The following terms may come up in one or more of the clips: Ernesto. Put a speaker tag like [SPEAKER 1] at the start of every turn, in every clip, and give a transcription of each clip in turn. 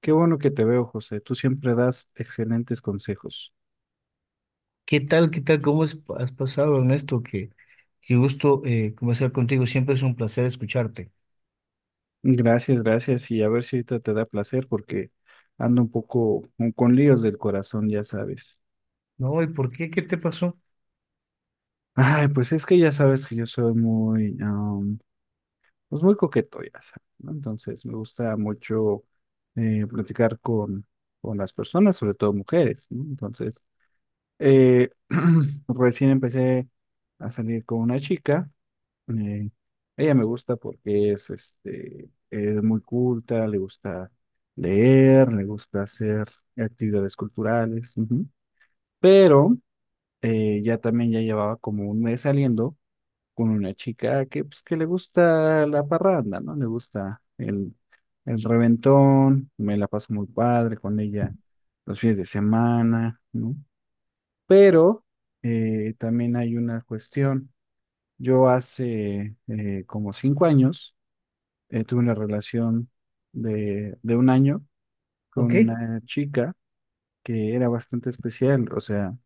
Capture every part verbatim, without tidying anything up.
[SPEAKER 1] Qué bueno que te veo, José. Tú siempre das excelentes consejos.
[SPEAKER 2] ¿Qué tal? ¿Qué tal? ¿Cómo has has pasado, Ernesto? Qué, qué gusto eh, conversar contigo. Siempre es un placer escucharte.
[SPEAKER 1] Gracias, gracias. Y a ver si ahorita te da placer porque ando un poco con, con líos del corazón, ya sabes.
[SPEAKER 2] No, ¿y por qué? ¿Qué te pasó?
[SPEAKER 1] Ay, pues es que ya sabes que yo soy muy, am, pues muy coqueto, ya sabes, ¿no? Entonces me gusta mucho eh, platicar con, con las personas, sobre todo mujeres, ¿no? Entonces, eh, recién empecé a salir con una chica. Eh, Ella me gusta porque es, este, es muy culta, le gusta leer, le gusta hacer actividades culturales, ujú. Pero eh, ya también ya llevaba como un mes saliendo con una chica que, pues, que le gusta la parranda, ¿no? Le gusta el, el reventón, me la paso muy padre con ella los fines de semana, ¿no? Pero eh, también hay una cuestión. Yo hace eh, como cinco años, eh, tuve una relación de, de un año con
[SPEAKER 2] Ok,
[SPEAKER 1] una chica que era bastante especial, o sea,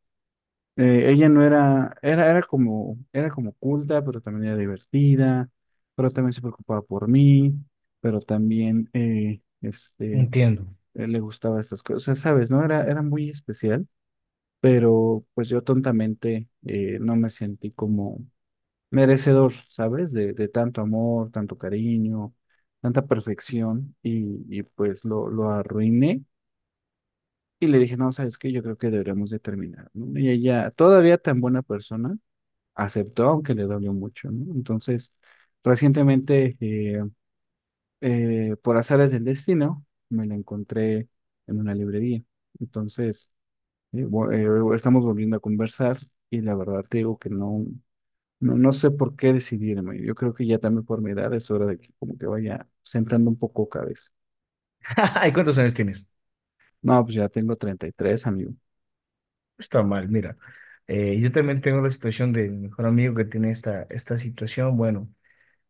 [SPEAKER 1] eh, ella no era, era, era como, era como culta, pero también era divertida, pero también se preocupaba por mí, pero también, eh, este,
[SPEAKER 2] entiendo.
[SPEAKER 1] eh, le gustaba estas cosas, ¿sabes? No, era, era muy especial, pero pues yo tontamente eh, no me sentí como merecedor, ¿sabes? De, de tanto amor, tanto cariño, tanta perfección y, y pues lo, lo arruiné y le dije, no, ¿sabes qué? Yo creo que deberíamos de terminar, ¿no? Y ella, todavía tan buena persona, aceptó, aunque le dolió mucho, ¿no? Entonces, recientemente, eh, eh, por azares del destino, me la encontré en una librería. Entonces, eh, vo- eh, estamos volviendo a conversar y la verdad te digo que no. No, no sé por qué decidirme. Yo creo que ya también por mi edad es hora de que como que vaya centrando un poco cabeza.
[SPEAKER 2] ¿Y cuántos años tienes?
[SPEAKER 1] No, pues ya tengo treinta y tres, amigo.
[SPEAKER 2] Está mal, mira. Eh, yo también tengo la situación de mi mejor amigo que tiene esta, esta situación. Bueno,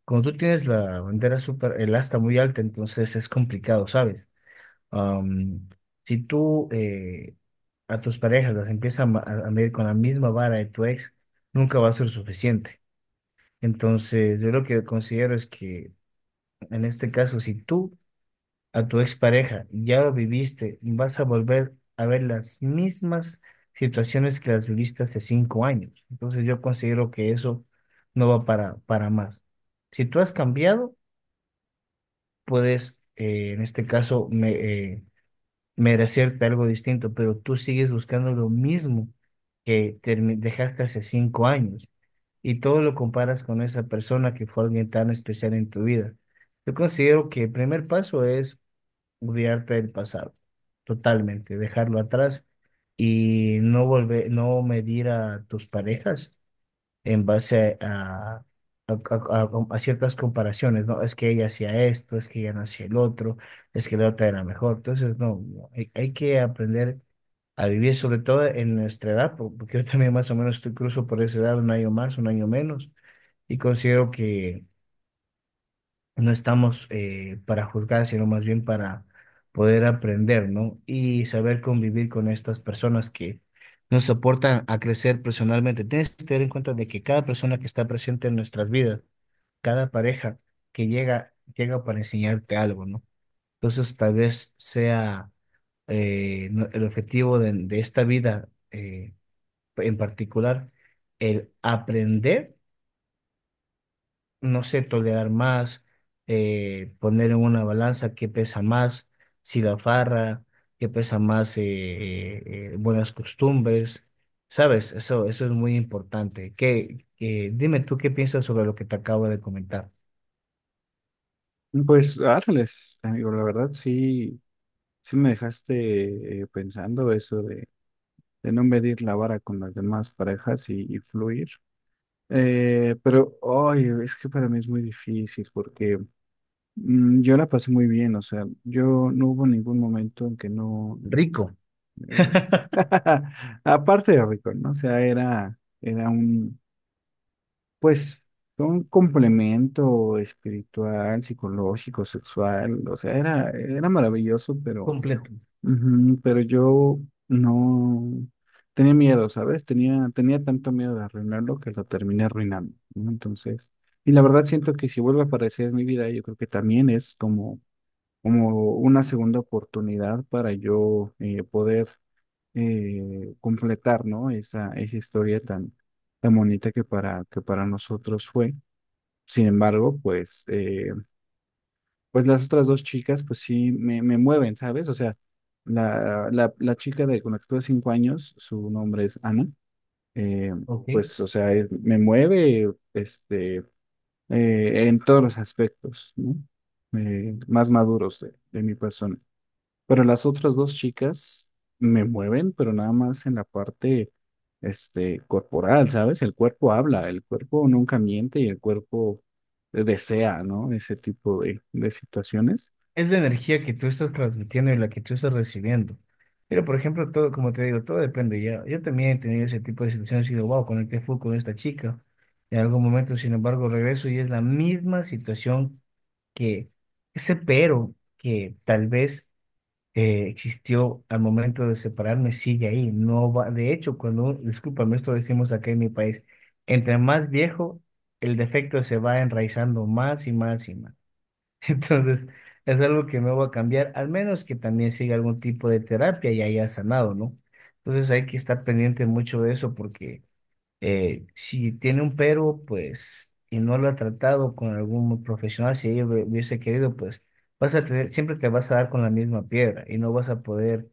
[SPEAKER 2] cuando tú tienes la bandera super, el asta muy alta, entonces es complicado, ¿sabes? Am, si tú eh, a tus parejas las empiezas a, ma- a a medir con la misma vara de tu ex, nunca va a ser suficiente. Entonces, yo lo que considero es que en este caso, si tú a tu expareja ya lo viviste, vas a volver a ver las mismas situaciones que las viviste hace cinco años. Entonces, yo considero que eso no va para, para más. Si tú has cambiado, puedes, eh, en este caso, me- eh, merecerte algo distinto, pero tú sigues buscando lo mismo que termi- dejaste hace cinco años. Y todo lo comparas con esa persona que fue alguien tan especial en tu vida. Yo considero que el primer paso es olvidarte del pasado, totalmente, dejarlo atrás y no volver, no medir a tus parejas en base a, a, a- a- a ciertas comparaciones, ¿no? Es que ella hacía esto, es que ella no hacía el otro, es que la otra era mejor. Entonces, no, no, hay, hay que aprender a vivir, sobre todo en nuestra edad, po- porque yo también más o menos estoy cruzo por esa edad, un año más, un año menos, y considero que no estamos eh, para juzgar, sino más bien para poder aprender, ¿no? Y saber convivir con estas personas que nos aportan a crecer personalmente. Tienes que tener en cuenta de que cada persona que está presente en nuestras vidas, cada pareja que llega, llega para enseñarte algo, ¿no? Entonces, tal vez sea eh, no- el objetivo de, de esta vida eh, en particular, el aprender, no sé, tolerar más, eh, poner en una balanza qué pesa más, si la farra, qué pesa más, eh, eh, eh, buenas costumbres, ¿sabes? Eso, eso es muy importante. ¿Qué, qué- dime tú qué piensas sobre lo que te acabo de comentar.
[SPEAKER 1] Pues árales, amigo, la verdad sí, sí me dejaste eh, pensando eso de, de no medir la vara con las demás parejas y, y fluir. Eh, pero, ay, es que para mí es muy difícil porque mm, yo la pasé muy bien, o sea, yo no hubo ningún momento en que no,
[SPEAKER 2] Rico,
[SPEAKER 1] eh, aparte de rico, ¿no? O sea, era, era un, pues, un complemento espiritual, psicológico, sexual, o sea, era, era maravilloso, pero,
[SPEAKER 2] completo,
[SPEAKER 1] ujú, pero yo no tenía miedo, ¿sabes? Tenía, tenía tanto miedo de arruinarlo que lo terminé arruinando, ¿no? Entonces, y la verdad siento que si vuelve a aparecer en mi vida, yo creo que también es como, como una segunda oportunidad para yo eh, poder eh, completar, ¿no? Esa, esa historia tan, tan bonita que para, que para nosotros fue. Sin embargo, pues, eh, pues las otras dos chicas, pues sí me, me mueven, ¿sabes? O sea, la, la, la chica de, con la que tuve cinco años, su nombre es Ana. eh,
[SPEAKER 2] ¿ok?
[SPEAKER 1] pues, o sea, eh, me mueve, este, eh, en todos los aspectos, ¿no? Eh, más maduros de de mi persona. Pero las otras dos chicas me mueven, pero nada más en la parte, este, corporal, ¿sabes? El cuerpo habla, el cuerpo nunca miente y el cuerpo desea, ¿no? Ese tipo de, de situaciones.
[SPEAKER 2] Es la energía que tú estás transmitiendo y la que tú estás recibiendo. Pero, por ejemplo, todo, como te digo, todo depende. Ya, yo también he tenido ese tipo de situaciones y digo, wow, conecté full con esta chica. En algún momento, sin embargo, regreso y es la misma situación que ese pero que tal vez eh, existió al momento de separarme sigue ahí. No va, de hecho, cuando, un- discúlpame, esto decimos acá en mi país, entre más viejo, el defecto se va enraizando más y más y más. Entonces, es algo que no va a cambiar, al menos que también siga algún tipo de terapia y haya sanado, ¿no? Entonces hay que estar pendiente mucho de eso porque, eh, si tiene un pero, pues, y no lo ha tratado con algún profesional, si ella hubie- hubiese querido, pues, vas a tener, siempre te vas a dar con la misma piedra y no vas a poder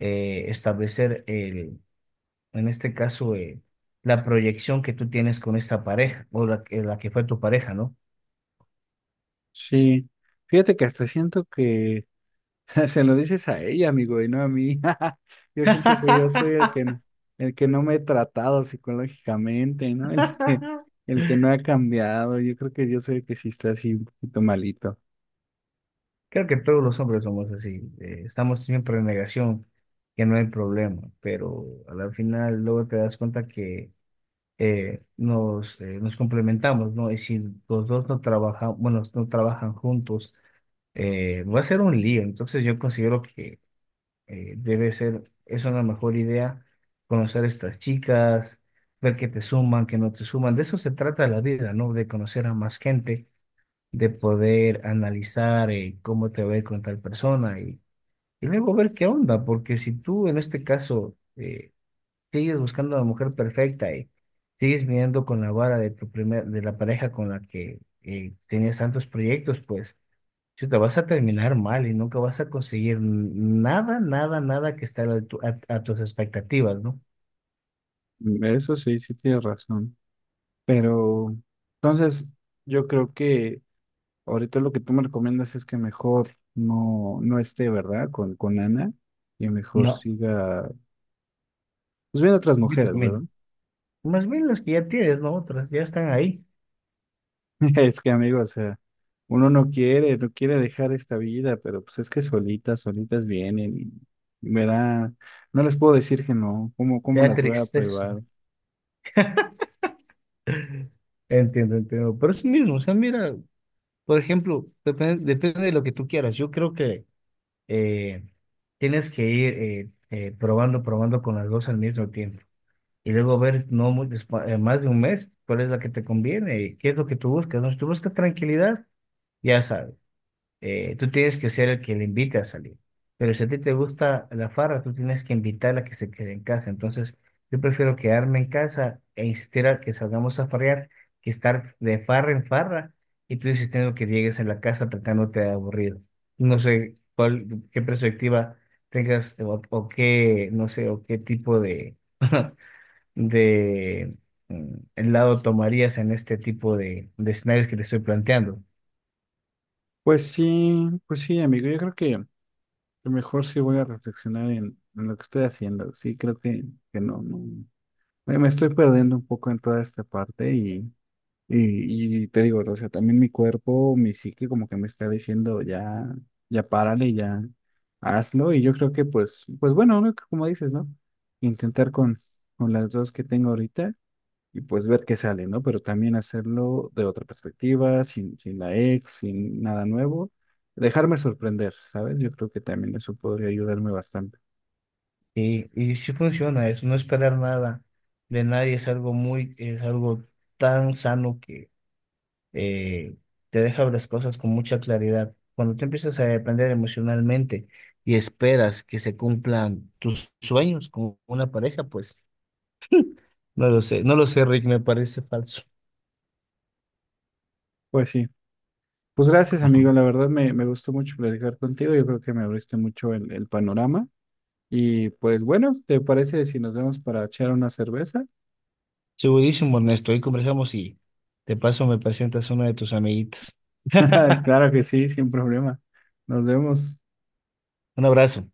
[SPEAKER 2] eh, establecer el, en este caso, eh, la proyección que tú tienes con esta pareja o la, que- la que fue tu pareja, ¿no?
[SPEAKER 1] Sí. Fíjate que hasta siento que se lo dices a ella, amigo, y no a mí. Yo siento que yo soy el que, el que no me he tratado psicológicamente, ¿no? El que, el que no ha cambiado. Yo creo que yo soy el que sí está así un poquito malito.
[SPEAKER 2] Creo que todos los hombres somos así, eh, estamos siempre en negación, que no hay problema, pero al final luego te das cuenta que eh, nos, eh, nos complementamos, ¿no? Y si los dos no trabajan, bueno, no trabajan juntos, eh, va a ser un lío. Entonces yo considero que eh, debe ser, es una mejor idea conocer a estas chicas, ver que te suman, que no te suman. De eso se trata la vida, ¿no? De conocer a más gente, de poder analizar eh, cómo te va a ir con tal persona y, y luego ver qué onda, porque si tú en este caso, eh, sigues buscando a la mujer perfecta y sigues mirando con la vara de tu primer, de la pareja con la que eh, tenías tantos proyectos, pues te vas a terminar mal y nunca vas a conseguir nada, nada, nada que esté a la altu- a- a tus expectativas, ¿no?
[SPEAKER 1] Mm, Eso sí, sí tienes razón. Pero entonces yo creo que ahorita lo que tú me recomiendas es que mejor no, no esté, ¿verdad? Con, con Ana y mejor
[SPEAKER 2] No,
[SPEAKER 1] siga, pues viendo otras
[SPEAKER 2] y tú
[SPEAKER 1] mujeres, ¿verdad?
[SPEAKER 2] también. Más bien las que ya tienes, ¿no? Otras ya están ahí.
[SPEAKER 1] Es que amigo, o sea, uno no quiere, no quiere dejar esta vida, pero pues es que solitas, solitas vienen y me da, no les puedo decir que no, ¿cómo,
[SPEAKER 2] Te
[SPEAKER 1] cómo
[SPEAKER 2] da
[SPEAKER 1] las voy a
[SPEAKER 2] tristeza.
[SPEAKER 1] probar?
[SPEAKER 2] Entiendo, entiendo. Pero es lo mismo, o sea, mira, por ejemplo, depende, depende de lo que tú quieras. Yo creo que eh, tienes que ir eh, eh, probando, probando con las dos al mismo tiempo. Y luego ver, no muy despa- eh, más de un mes, cuál es la que te conviene, y qué es lo que tú buscas, ¿no? Si tú buscas tranquilidad, ya sabes, eh, tú tienes que ser el que le invite a salir. Pero si a ti te gusta la farra, tú tienes que invitarla a que se quede en casa. Entonces, yo prefiero quedarme en casa e insistir a que salgamos a farrear que estar de farra en farra y tú insistiendo que llegues en la casa tratándote de aburrido. No sé cuál, qué perspectiva tengas o, o qué, no sé, o qué tipo de, de mm, lado tomarías en este tipo de, de escenarios que te estoy planteando.
[SPEAKER 1] Pues sí, pues sí, amigo, yo creo que, lo mejor sí voy a reflexionar en, en lo que estoy haciendo. Sí, creo que, que no, no. Me me estoy perdiendo un poco en toda esta parte y, y, y te digo, o sea, también mi cuerpo, mi psique como que me está diciendo ya, ya párale, ya hazlo. Y yo creo que pues, pues bueno, ¿no? Como dices, ¿no? Intentar con, con las dos que tengo ahorita y pues ver qué sale, ¿no? Pero también hacerlo de otra perspectiva, sin, sin la ex, sin nada nuevo. Dejarme sorprender, ¿sabes? Yo creo que también eso podría ayudarme bastante.
[SPEAKER 2] Y, y sí funciona, es no esperar nada de nadie, es algo muy, es algo tan sano que eh, te deja ver las cosas con mucha claridad. Cuando tú empiezas a depender emocionalmente y esperas que se cumplan tus sueños con una pareja, pues no lo sé, no lo sé, Rick, me parece falso.
[SPEAKER 1] Pues sí. Pues gracias,
[SPEAKER 2] Ajá.
[SPEAKER 1] amigo. La verdad me, me gustó mucho platicar contigo. Yo creo que me abriste mucho el, el panorama. Y pues bueno, ¿te parece si nos vemos para echar una cerveza?
[SPEAKER 2] Segurísimo, Ernesto, hoy conversamos y de paso me presentas a una de tus amiguitas.
[SPEAKER 1] Claro que sí, sin problema. Nos vemos.
[SPEAKER 2] Un abrazo.